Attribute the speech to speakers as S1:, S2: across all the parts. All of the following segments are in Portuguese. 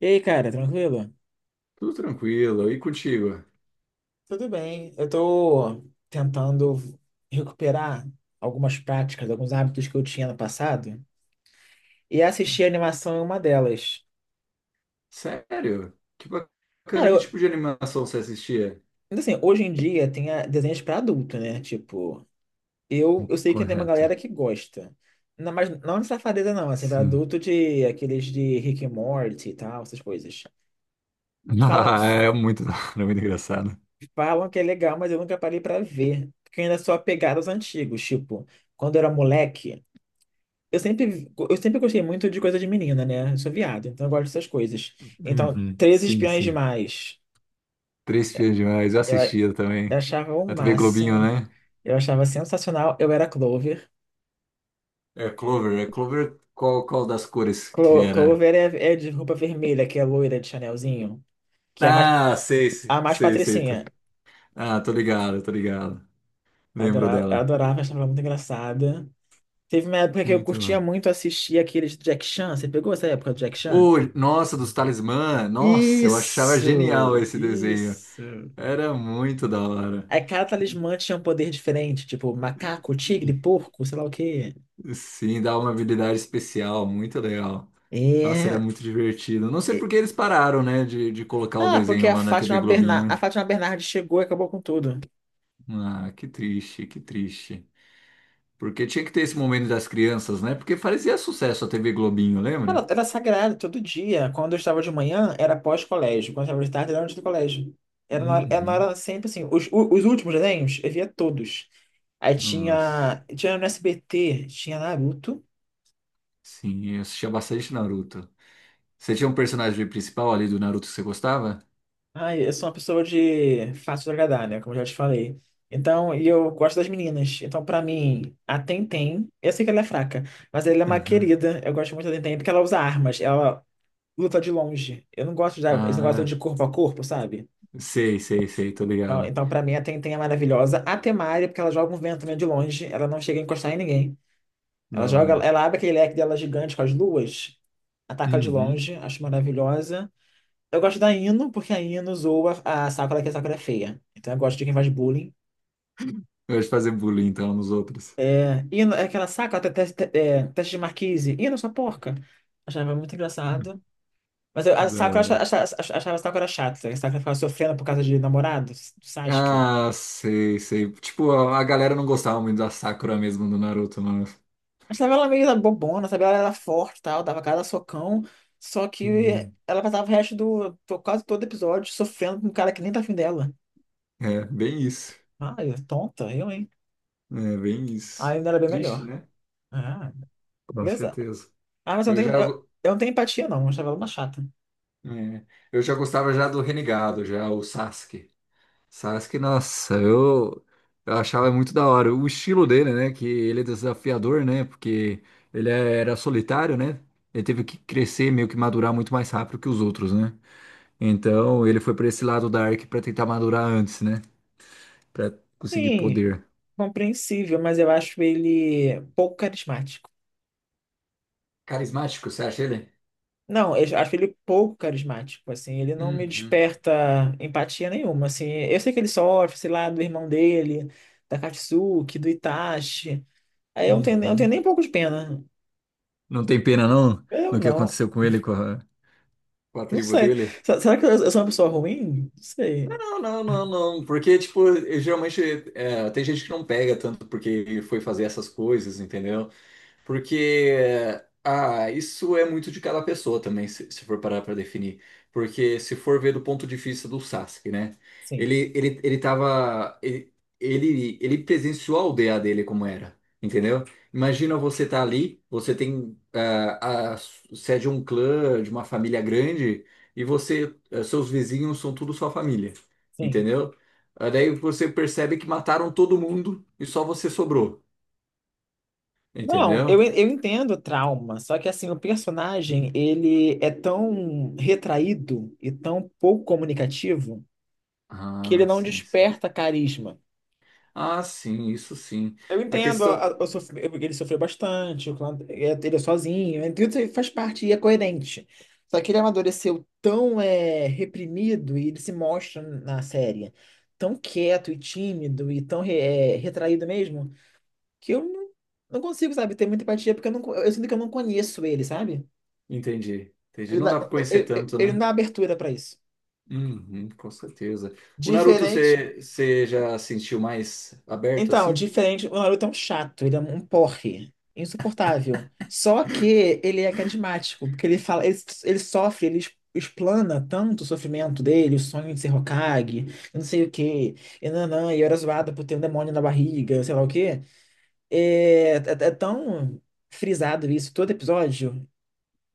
S1: E aí, cara, tranquilo?
S2: Tudo tranquilo. E contigo?
S1: Tudo bem, eu tô tentando recuperar algumas práticas, alguns hábitos que eu tinha no passado e assistir animação é uma delas.
S2: Sério? Que
S1: Cara,
S2: bacana. Que tipo de animação você assistia?
S1: mas assim, hoje em dia tem desenhos pra adulto, né? Tipo, eu sei que tem uma
S2: Correto.
S1: galera que gosta, não, mas não de safadeza não, assim, pra
S2: Sim.
S1: adulto de aqueles de Rick and Morty e tal, essas coisas. Falam,
S2: Ah, é muito da hora, muito engraçado.
S1: falam que é legal, mas eu nunca parei pra ver, porque eu ainda sou apegado aos antigos, tipo, quando eu era moleque. Eu sempre gostei muito de coisa de menina, né? Eu sou viado, então eu gosto dessas coisas. Então,
S2: Uhum.
S1: 13
S2: Sim,
S1: Espiões
S2: sim.
S1: Demais.
S2: Três Espiãs Demais. Eu
S1: Eu, a-
S2: assistia
S1: eu
S2: também.
S1: achava o
S2: A TV Globinho,
S1: máximo.
S2: né?
S1: Eu achava sensacional. Eu era Clover.
S2: É Clover. É Clover. Qual das cores que
S1: Clo-
S2: era?
S1: Clover é, de roupa vermelha, que é loira de Chanelzinho. Que é a mais,
S2: Ah, sei, sei,
S1: a mais
S2: sei, sei. Tô-
S1: patricinha.
S2: Ah, tô ligado. Lembro
S1: Adorava,
S2: dela.
S1: adorava, achava muito engraçada. Teve uma época que eu
S2: Muito,
S1: curtia
S2: mano.
S1: muito assistir aqueles Jack Chan. Você pegou essa época do Jack Chan?
S2: Oh, nossa, dos Talismã. Nossa, eu achava genial
S1: Isso!
S2: esse desenho.
S1: Isso!
S2: Era muito da hora.
S1: Aí cada talismã tinha um poder diferente, tipo macaco, tigre,
S2: E-
S1: porco, sei lá o quê.
S2: Sim, dá uma habilidade especial, muito legal. Nossa, era
S1: É.
S2: muito divertido. Não sei
S1: e-
S2: por que eles pararam, né, de colocar o
S1: Ah, porque
S2: desenho
S1: a
S2: lá na TV
S1: Fátima Bernard, a
S2: Globinho.
S1: Fátima Bernardes chegou e acabou com tudo.
S2: Ah, que triste. Porque tinha que ter esse momento das crianças, né? Porque fazia sucesso a TV Globinho,
S1: Ela
S2: lembra?
S1: era sagrada todo dia. Quando eu estava de manhã, era pós-colégio. Quando eu estava de tarde, era antes do colégio. Era na
S2: Uhum.
S1: hora sempre assim. Os últimos desenhos, eu via todos. Aí
S2: Nossa.
S1: tinha no SBT, tinha Naruto.
S2: Sim, eu assistia bastante Naruto. Você tinha um personagem principal ali do Naruto que você gostava?
S1: Ah, eu sou uma pessoa de fácil de agradar, né? Como eu já te falei. Então, e eu gosto das meninas. Então, pra mim, a Tenten, eu sei que ela é fraca, mas ela é uma
S2: Uhum.
S1: querida. Eu gosto muito da Tenten porque ela usa armas, ela luta de longe. Eu não gosto de esse negócio
S2: Ah,
S1: de corpo a corpo, sabe?
S2: sei, tô
S1: Então,
S2: ligado.
S1: pra mim, a Tenten é maravilhosa. A Temária, porque ela joga um vento meio de longe, ela não chega a encostar em ninguém.
S2: Da
S1: Ela joga,
S2: hora.
S1: ela abre aquele leque dela gigante com as luas, ataca de
S2: Uhum.
S1: longe, acho maravilhosa. Eu gosto da Ino, porque a Ino zoa a Sakura, que a Sakura é feia. Então eu gosto de quem faz bullying.
S2: Eu gosto de fazer bullying, então, nos outros.
S1: É, Ino é aquela Sakura, teste de Marquise. Ino, sua porca. Achava muito
S2: Hum.
S1: engraçado. Mas a
S2: Da
S1: Sakura acha-
S2: hora.
S1: acha- acha- achava a Sakura chata. A Sakura ficava sofrendo por causa de namorado, do Sasuke.
S2: Ah, sei. Tipo, a galera não gostava muito da Sakura mesmo do Naruto, mano.
S1: Achava ela meio bobona, sabe? Ela era forte e tal, dava cada socão. Só que
S2: Hum,
S1: ela passava o resto do, quase todo episódio sofrendo com um cara que nem tá afim dela.
S2: É, bem isso.
S1: Ai, tonta, eu, hein?
S2: É, bem
S1: A
S2: isso.
S1: Ino era bem
S2: Triste,
S1: melhor.
S2: né?
S1: Ah,
S2: Com
S1: beleza.
S2: certeza.
S1: Ah, mas eu não
S2: Eu
S1: tenho,
S2: já,
S1: eu,
S2: go-
S1: eu não tenho empatia, não. Eu achava ela uma chata.
S2: é, eu já gostava já do Renegado, já o Sasuke. Sasuke, nossa, eu achava muito da hora. O estilo dele, né? Que ele é desafiador, né? Porque ele é, era solitário, né? Ele teve que crescer, meio que madurar muito mais rápido que os outros, né? Então ele foi pra esse lado dark Ark pra tentar madurar antes, né? Pra conseguir
S1: Sim,
S2: poder.
S1: compreensível, mas eu acho ele pouco carismático.
S2: Carismático, você acha ele?
S1: Não, eu acho ele pouco carismático, assim. Ele não me
S2: Uhum,
S1: desperta empatia nenhuma, assim. Eu sei que ele sofre, sei lá, do irmão dele, da Katsuki, do Itachi. Aí eu não tenho
S2: uhum.
S1: nem um pouco de pena.
S2: Não tem pena não
S1: Eu
S2: no que
S1: não.
S2: aconteceu com ele com a... Com a
S1: Não
S2: tribo
S1: sei.
S2: dele?
S1: Será que eu sou uma pessoa ruim? Não sei.
S2: Não. Porque, tipo, geralmente é, tem gente que não pega tanto porque foi fazer essas coisas, entendeu? Porque ah, isso é muito de cada pessoa também, se for parar para definir. Porque se for ver do ponto de vista do Sasuke, né?
S1: Sim,
S2: Ele tava ele presenciou a aldeia dele como era, entendeu? Imagina você tá ali, você tem ah, a você é de um clã, de uma família grande e você ah, seus vizinhos são tudo sua família,
S1: sim.
S2: entendeu? Ah, daí você percebe que mataram todo mundo e só você sobrou,
S1: Não,
S2: entendeu?
S1: eu entendo o trauma, só que assim, o personagem, ele é tão retraído e tão pouco comunicativo que ele
S2: Ah,
S1: não
S2: sim.
S1: desperta carisma.
S2: Ah, sim, isso sim.
S1: Eu
S2: A
S1: entendo,
S2: questão.
S1: ele sofreu bastante, ele é sozinho, então isso aí faz parte e é coerente. Só que ele amadureceu tão reprimido e ele se mostra na série tão quieto e tímido e tão retraído mesmo, que eu não, não consigo, sabe, ter muita empatia, porque eu sinto que eu não conheço ele, sabe?
S2: Entendi.
S1: Ele
S2: Não
S1: na-
S2: dá pra conhecer
S1: ele- ele-
S2: tanto,
S1: ele não
S2: né?
S1: dá abertura pra isso.
S2: Uhum, com certeza. O Naruto,
S1: Diferente.
S2: você já sentiu mais aberto
S1: Então,
S2: assim?
S1: diferente. O Naruto é um chato, ele é um porre. Insuportável. Só que ele é carismático, porque ele fala, ele sofre, ele explana tanto o sofrimento dele, o sonho de ser Hokage, eu não sei o quê, e nanã, e eu era zoado por ter um demônio na barriga, sei lá o quê. É, é tão frisado isso todo episódio,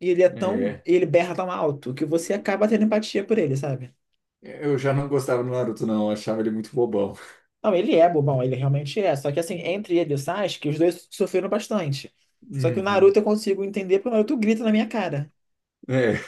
S1: e ele é tão,
S2: É.
S1: ele berra tão alto que você acaba tendo empatia por ele, sabe?
S2: Eu já não gostava do Naruto, não. Eu achava ele muito bobão.
S1: Não, ele é bobão, ele realmente é. Só que assim, entre ele e o Sasuke, os dois sofreram bastante. Só que o Naruto
S2: Uhum.
S1: eu consigo entender porque o Naruto grita na minha cara.
S2: É,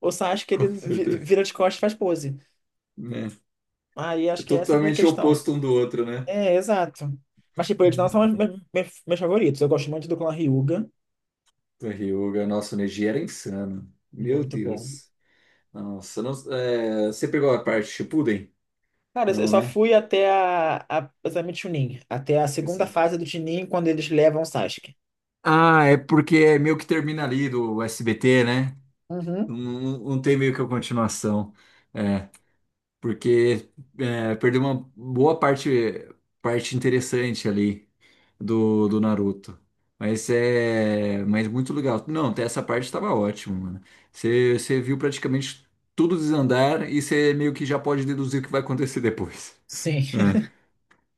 S1: O Sasuke, ele
S2: com
S1: vi- vi-
S2: certeza.
S1: vira de costas e faz pose.
S2: Né?
S1: Aí
S2: É
S1: acho que essa é a minha
S2: totalmente
S1: questão.
S2: oposto um do outro, né?
S1: É, exato. Mas tipo, eles não são os
S2: Hum.
S1: meus, meus favoritos. Eu gosto muito do clã Hyuga.
S2: Do Ryuga, nossa, o Neji era insano. Meu
S1: Muito bom.
S2: Deus. Nossa, não- é, você pegou a parte Shippuden?
S1: Cara, eu
S2: Não,
S1: só
S2: né?
S1: fui até a exatamente Chunin. Até a segunda fase do Chunin, quando eles levam o Sasuke.
S2: Ah, é porque é meio que termina ali do SBT, né?
S1: Uhum.
S2: Não, não- não tem meio que a continuação. É, porque é, perdeu uma boa parte, parte interessante ali do, do Naruto. Mas é, mas muito legal. Não, até essa parte estava ótimo, mano. Você viu praticamente tudo desandar e você meio que já pode deduzir o que vai acontecer depois.
S1: Sim.
S2: É,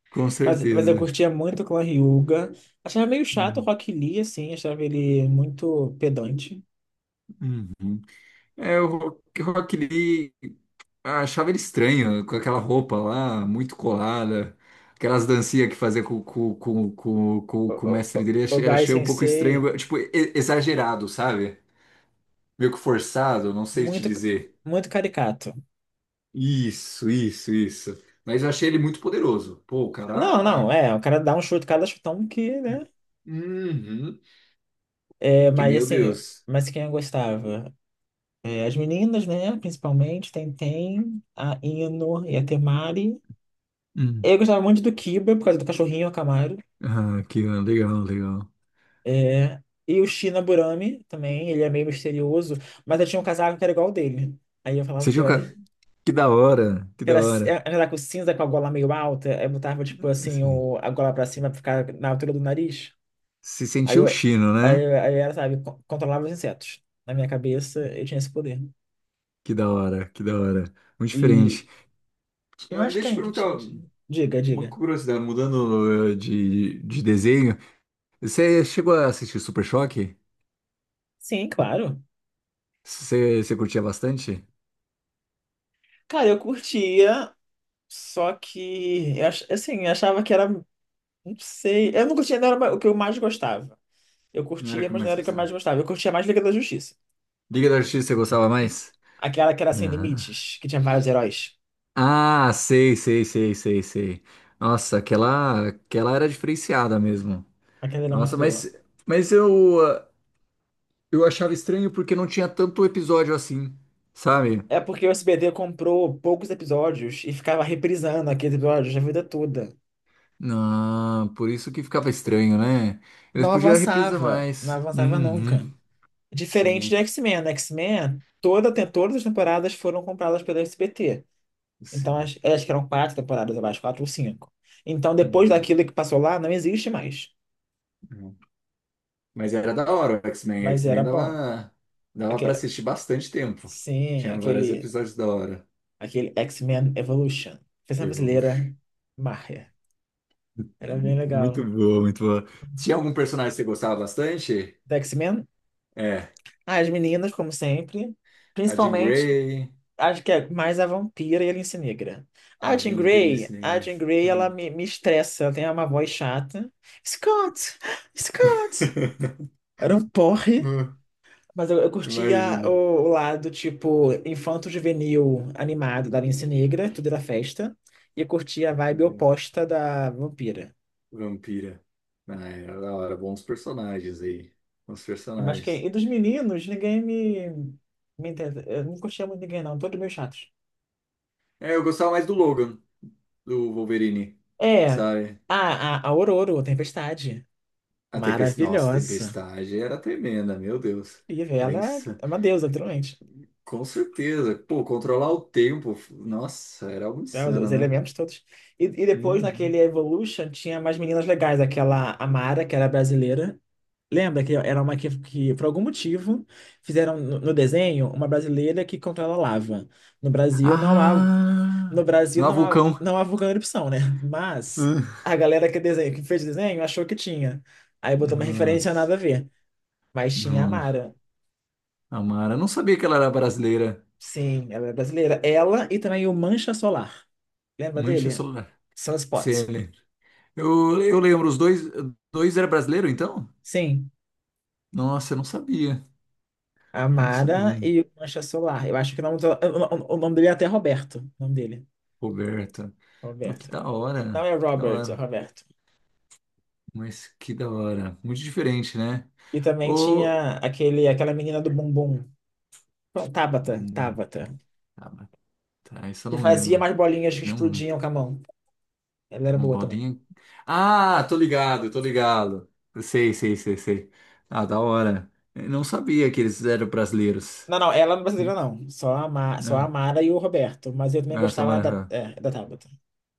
S2: com
S1: Mas eu
S2: certeza.
S1: curtia muito o Clã Hyuga. Achava meio chato o
S2: Hum.
S1: Rock Lee, assim, achava ele muito pedante.
S2: É, o Rock Lee. Ah, achava ele estranho, com aquela roupa lá, muito colada, aquelas dancinhas que fazia com, com, com, com, com-
S1: O,
S2: com o
S1: o,
S2: mestre
S1: o
S2: dele,
S1: o
S2: achei,
S1: Gai
S2: achei um pouco
S1: Sensei,
S2: estranho, tipo, e- exagerado, sabe? Meio que forçado, não sei te
S1: muito,
S2: dizer.
S1: muito caricato.
S2: Isso. Mas eu achei ele muito poderoso. Pô, o
S1: Não, não,
S2: cara.
S1: é, o cara dá um chute, cada chutão que, né?
S2: Uhum.
S1: É,
S2: Que
S1: mas
S2: meu
S1: assim,
S2: Deus.
S1: mas quem eu gostava? É, as meninas, né? Principalmente, Tenten, a Ino e a Temari.
S2: Hum.
S1: Eu gostava muito do Kiba, por causa do cachorrinho, o Camaro.
S2: Ah, que legal.
S1: E o Shina Burami também, ele é meio misterioso, mas eu tinha um casaco que era igual ao dele. Aí eu falava
S2: Você
S1: que
S2: viu que,
S1: era.
S2: que da hora, que da
S1: Era,
S2: hora.
S1: era com cinza com a gola meio alta, eu botava, tipo, assim,
S2: Assim,
S1: a gola pra cima pra ficar na altura do nariz.
S2: se
S1: Aí
S2: sentiu o
S1: eu,
S2: chino,
S1: aí,
S2: né?
S1: eu- aí ela, sabe, controlava os insetos. Na minha cabeça, eu tinha esse poder.
S2: Que da hora. Muito
S1: E
S2: diferente.
S1: eu
S2: Eu-
S1: acho que
S2: Deixa eu te
S1: é que tinha.
S2: perguntar
S1: Diga,
S2: uma
S1: diga.
S2: curiosidade, mudando de desenho. Você chegou a assistir Super Choque?
S1: Sim, claro.
S2: Você curtia bastante?
S1: Cara, eu curtia, só que, assim, eu achava que era, não sei, eu não curtia, não era o que eu mais gostava. Eu
S2: Não era o
S1: curtia,
S2: que eu
S1: mas não
S2: mais
S1: era o que eu mais
S2: gostava.
S1: gostava. Eu curtia mais Liga da Justiça.
S2: Liga da Justiça, você gostava mais?
S1: Aquela que era sem
S2: Não.
S1: limites, que tinha vários heróis.
S2: Ah, sei. Nossa, aquela, aquela era diferenciada mesmo.
S1: Aquela era muito
S2: Nossa,
S1: boa.
S2: mas eu, ah, eu achava estranho porque não tinha tanto episódio assim, sabe?
S1: É porque o SBT comprou poucos episódios e ficava reprisando aqueles episódios a vida toda.
S2: Não, por isso que ficava estranho, né? Eles
S1: Não
S2: podiam reprisar
S1: avançava, não
S2: mais.
S1: avançava
S2: Uhum.
S1: nunca. Diferente
S2: Sim,
S1: de X-Men. No X-Men, todas as temporadas foram compradas pelo SBT. Então,
S2: sim.
S1: acho que eram quatro temporadas, eu acho, quatro ou cinco. Então, depois
S2: Uhum,
S1: daquilo que passou lá, não existe mais.
S2: uhum. Mas era da hora o X-Men.
S1: Mas era
S2: X-Men
S1: bom.
S2: dava, dava para
S1: Aquele,
S2: assistir bastante tempo.
S1: sim,
S2: Tinha vários
S1: aquele,
S2: episódios da hora.
S1: aquele X-Men Evolution. Versão
S2: Eu-
S1: brasileira, Maher. Era bem
S2: Muito
S1: legal.
S2: boa, muito boa. Tinha algum personagem que você gostava bastante?
S1: Da X-Men?
S2: É,
S1: As meninas, como sempre.
S2: a Jean
S1: Principalmente,
S2: Grey,
S1: acho que é mais a vampira e a Lince Negra. A
S2: a
S1: Jean
S2: Vampira Miss
S1: Grey, a
S2: Negra.
S1: Jean Grey, ela
S2: Hum.
S1: me estressa. Ela tem uma voz chata. Scott! Scott! Era um porre.
S2: Hum,
S1: Mas eu curtia o,
S2: imagina.
S1: o lado, tipo, infanto-juvenil animado da Lince Negra. Tudo era festa. E eu curtia a vibe oposta da vampira.
S2: Vampira. Ah, era da hora. Bons personagens aí. Bons
S1: Mas que,
S2: personagens.
S1: e dos meninos, ninguém me... me entende. Eu não curtia muito ninguém, não. Todos meio chatos.
S2: É, eu gostava mais do Logan, do Wolverine.
S1: É, a,
S2: Sabe?
S1: a, a Aurora, a Tempestade.
S2: A tempestade, nossa, a
S1: Maravilhosa.
S2: tempestade era tremenda, meu Deus.
S1: Incrível.
S2: Era
S1: Ela
S2: insano.
S1: é uma deusa, literalmente.
S2: Com certeza. Pô, controlar o tempo, nossa, era algo
S1: Né, Os,
S2: insano,
S1: os
S2: né?
S1: elementos todos. E depois,
S2: Uhum.
S1: naquele Evolution, tinha mais meninas legais. Aquela Amara, que era brasileira. Lembra que era uma que por algum motivo, fizeram no desenho uma brasileira que controla lava. No Brasil não há,
S2: Ah, no vulcão.
S1: não há vulcão em erupção, né? Mas
S2: Ah,
S1: a galera que fez o desenho achou que tinha. Aí botou uma referência nada
S2: nossa,
S1: a ver. Mas tinha a
S2: não,
S1: Mara.
S2: Amara, eu não sabia que ela era brasileira.
S1: Sim, ela é brasileira. Ela e também o Mancha Solar. Lembra
S2: Mancha
S1: dele?
S2: solar.
S1: Sunspots.
S2: CN. Eu lembro, os dois, dois era brasileiro, então?
S1: Sim.
S2: Nossa, eu não sabia.
S1: A
S2: Não
S1: Mara
S2: sabia.
S1: e o Mancha Solar. Eu acho que o nome dele é até Roberto. O nome dele.
S2: Roberta. Oh, que
S1: Roberto.
S2: da
S1: Não
S2: hora.
S1: é
S2: Que da
S1: Robert, é
S2: hora.
S1: Roberto.
S2: Mas que da hora. Muito diferente, né?
S1: E também
S2: Ou.
S1: tinha aquela menina do bumbum. Bom, Tabata,
S2: Hum,
S1: Tabata.
S2: Tá, tá, isso eu
S1: Que
S2: não
S1: fazia
S2: lembro.
S1: mais bolinhas que
S2: Não, né?
S1: explodiam com a mão. Ela era
S2: Uma
S1: boa também.
S2: bolinha. Ah, tô ligado. Eu sei, sei. Ah, da hora. Eu não sabia que eles eram brasileiros.
S1: Não, não, ela não é brasileira,
S2: Hum,
S1: não. Só a
S2: Não.
S1: Mara e o Roberto. Mas eu também
S2: Ah,
S1: gostava da,
S2: Samara.
S1: é, da Tabata.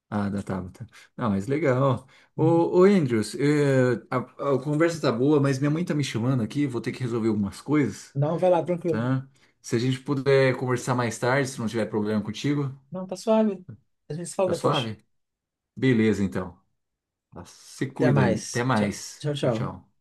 S2: Ah, da Tabata. Ah, mas legal. Ô, ô Andrews, eh, a conversa tá boa, mas minha mãe tá me chamando aqui, vou ter que resolver algumas coisas,
S1: Não, vai lá, tranquilo.
S2: tá? Se a gente puder conversar mais tarde, se não tiver problema contigo.
S1: Não, tá suave. A gente se fala
S2: Tá
S1: depois.
S2: suave? Beleza, então. Se
S1: Até
S2: cuida aí. Até
S1: mais. Tchau, tchau,
S2: mais. Tchau,
S1: tchau.
S2: tchau.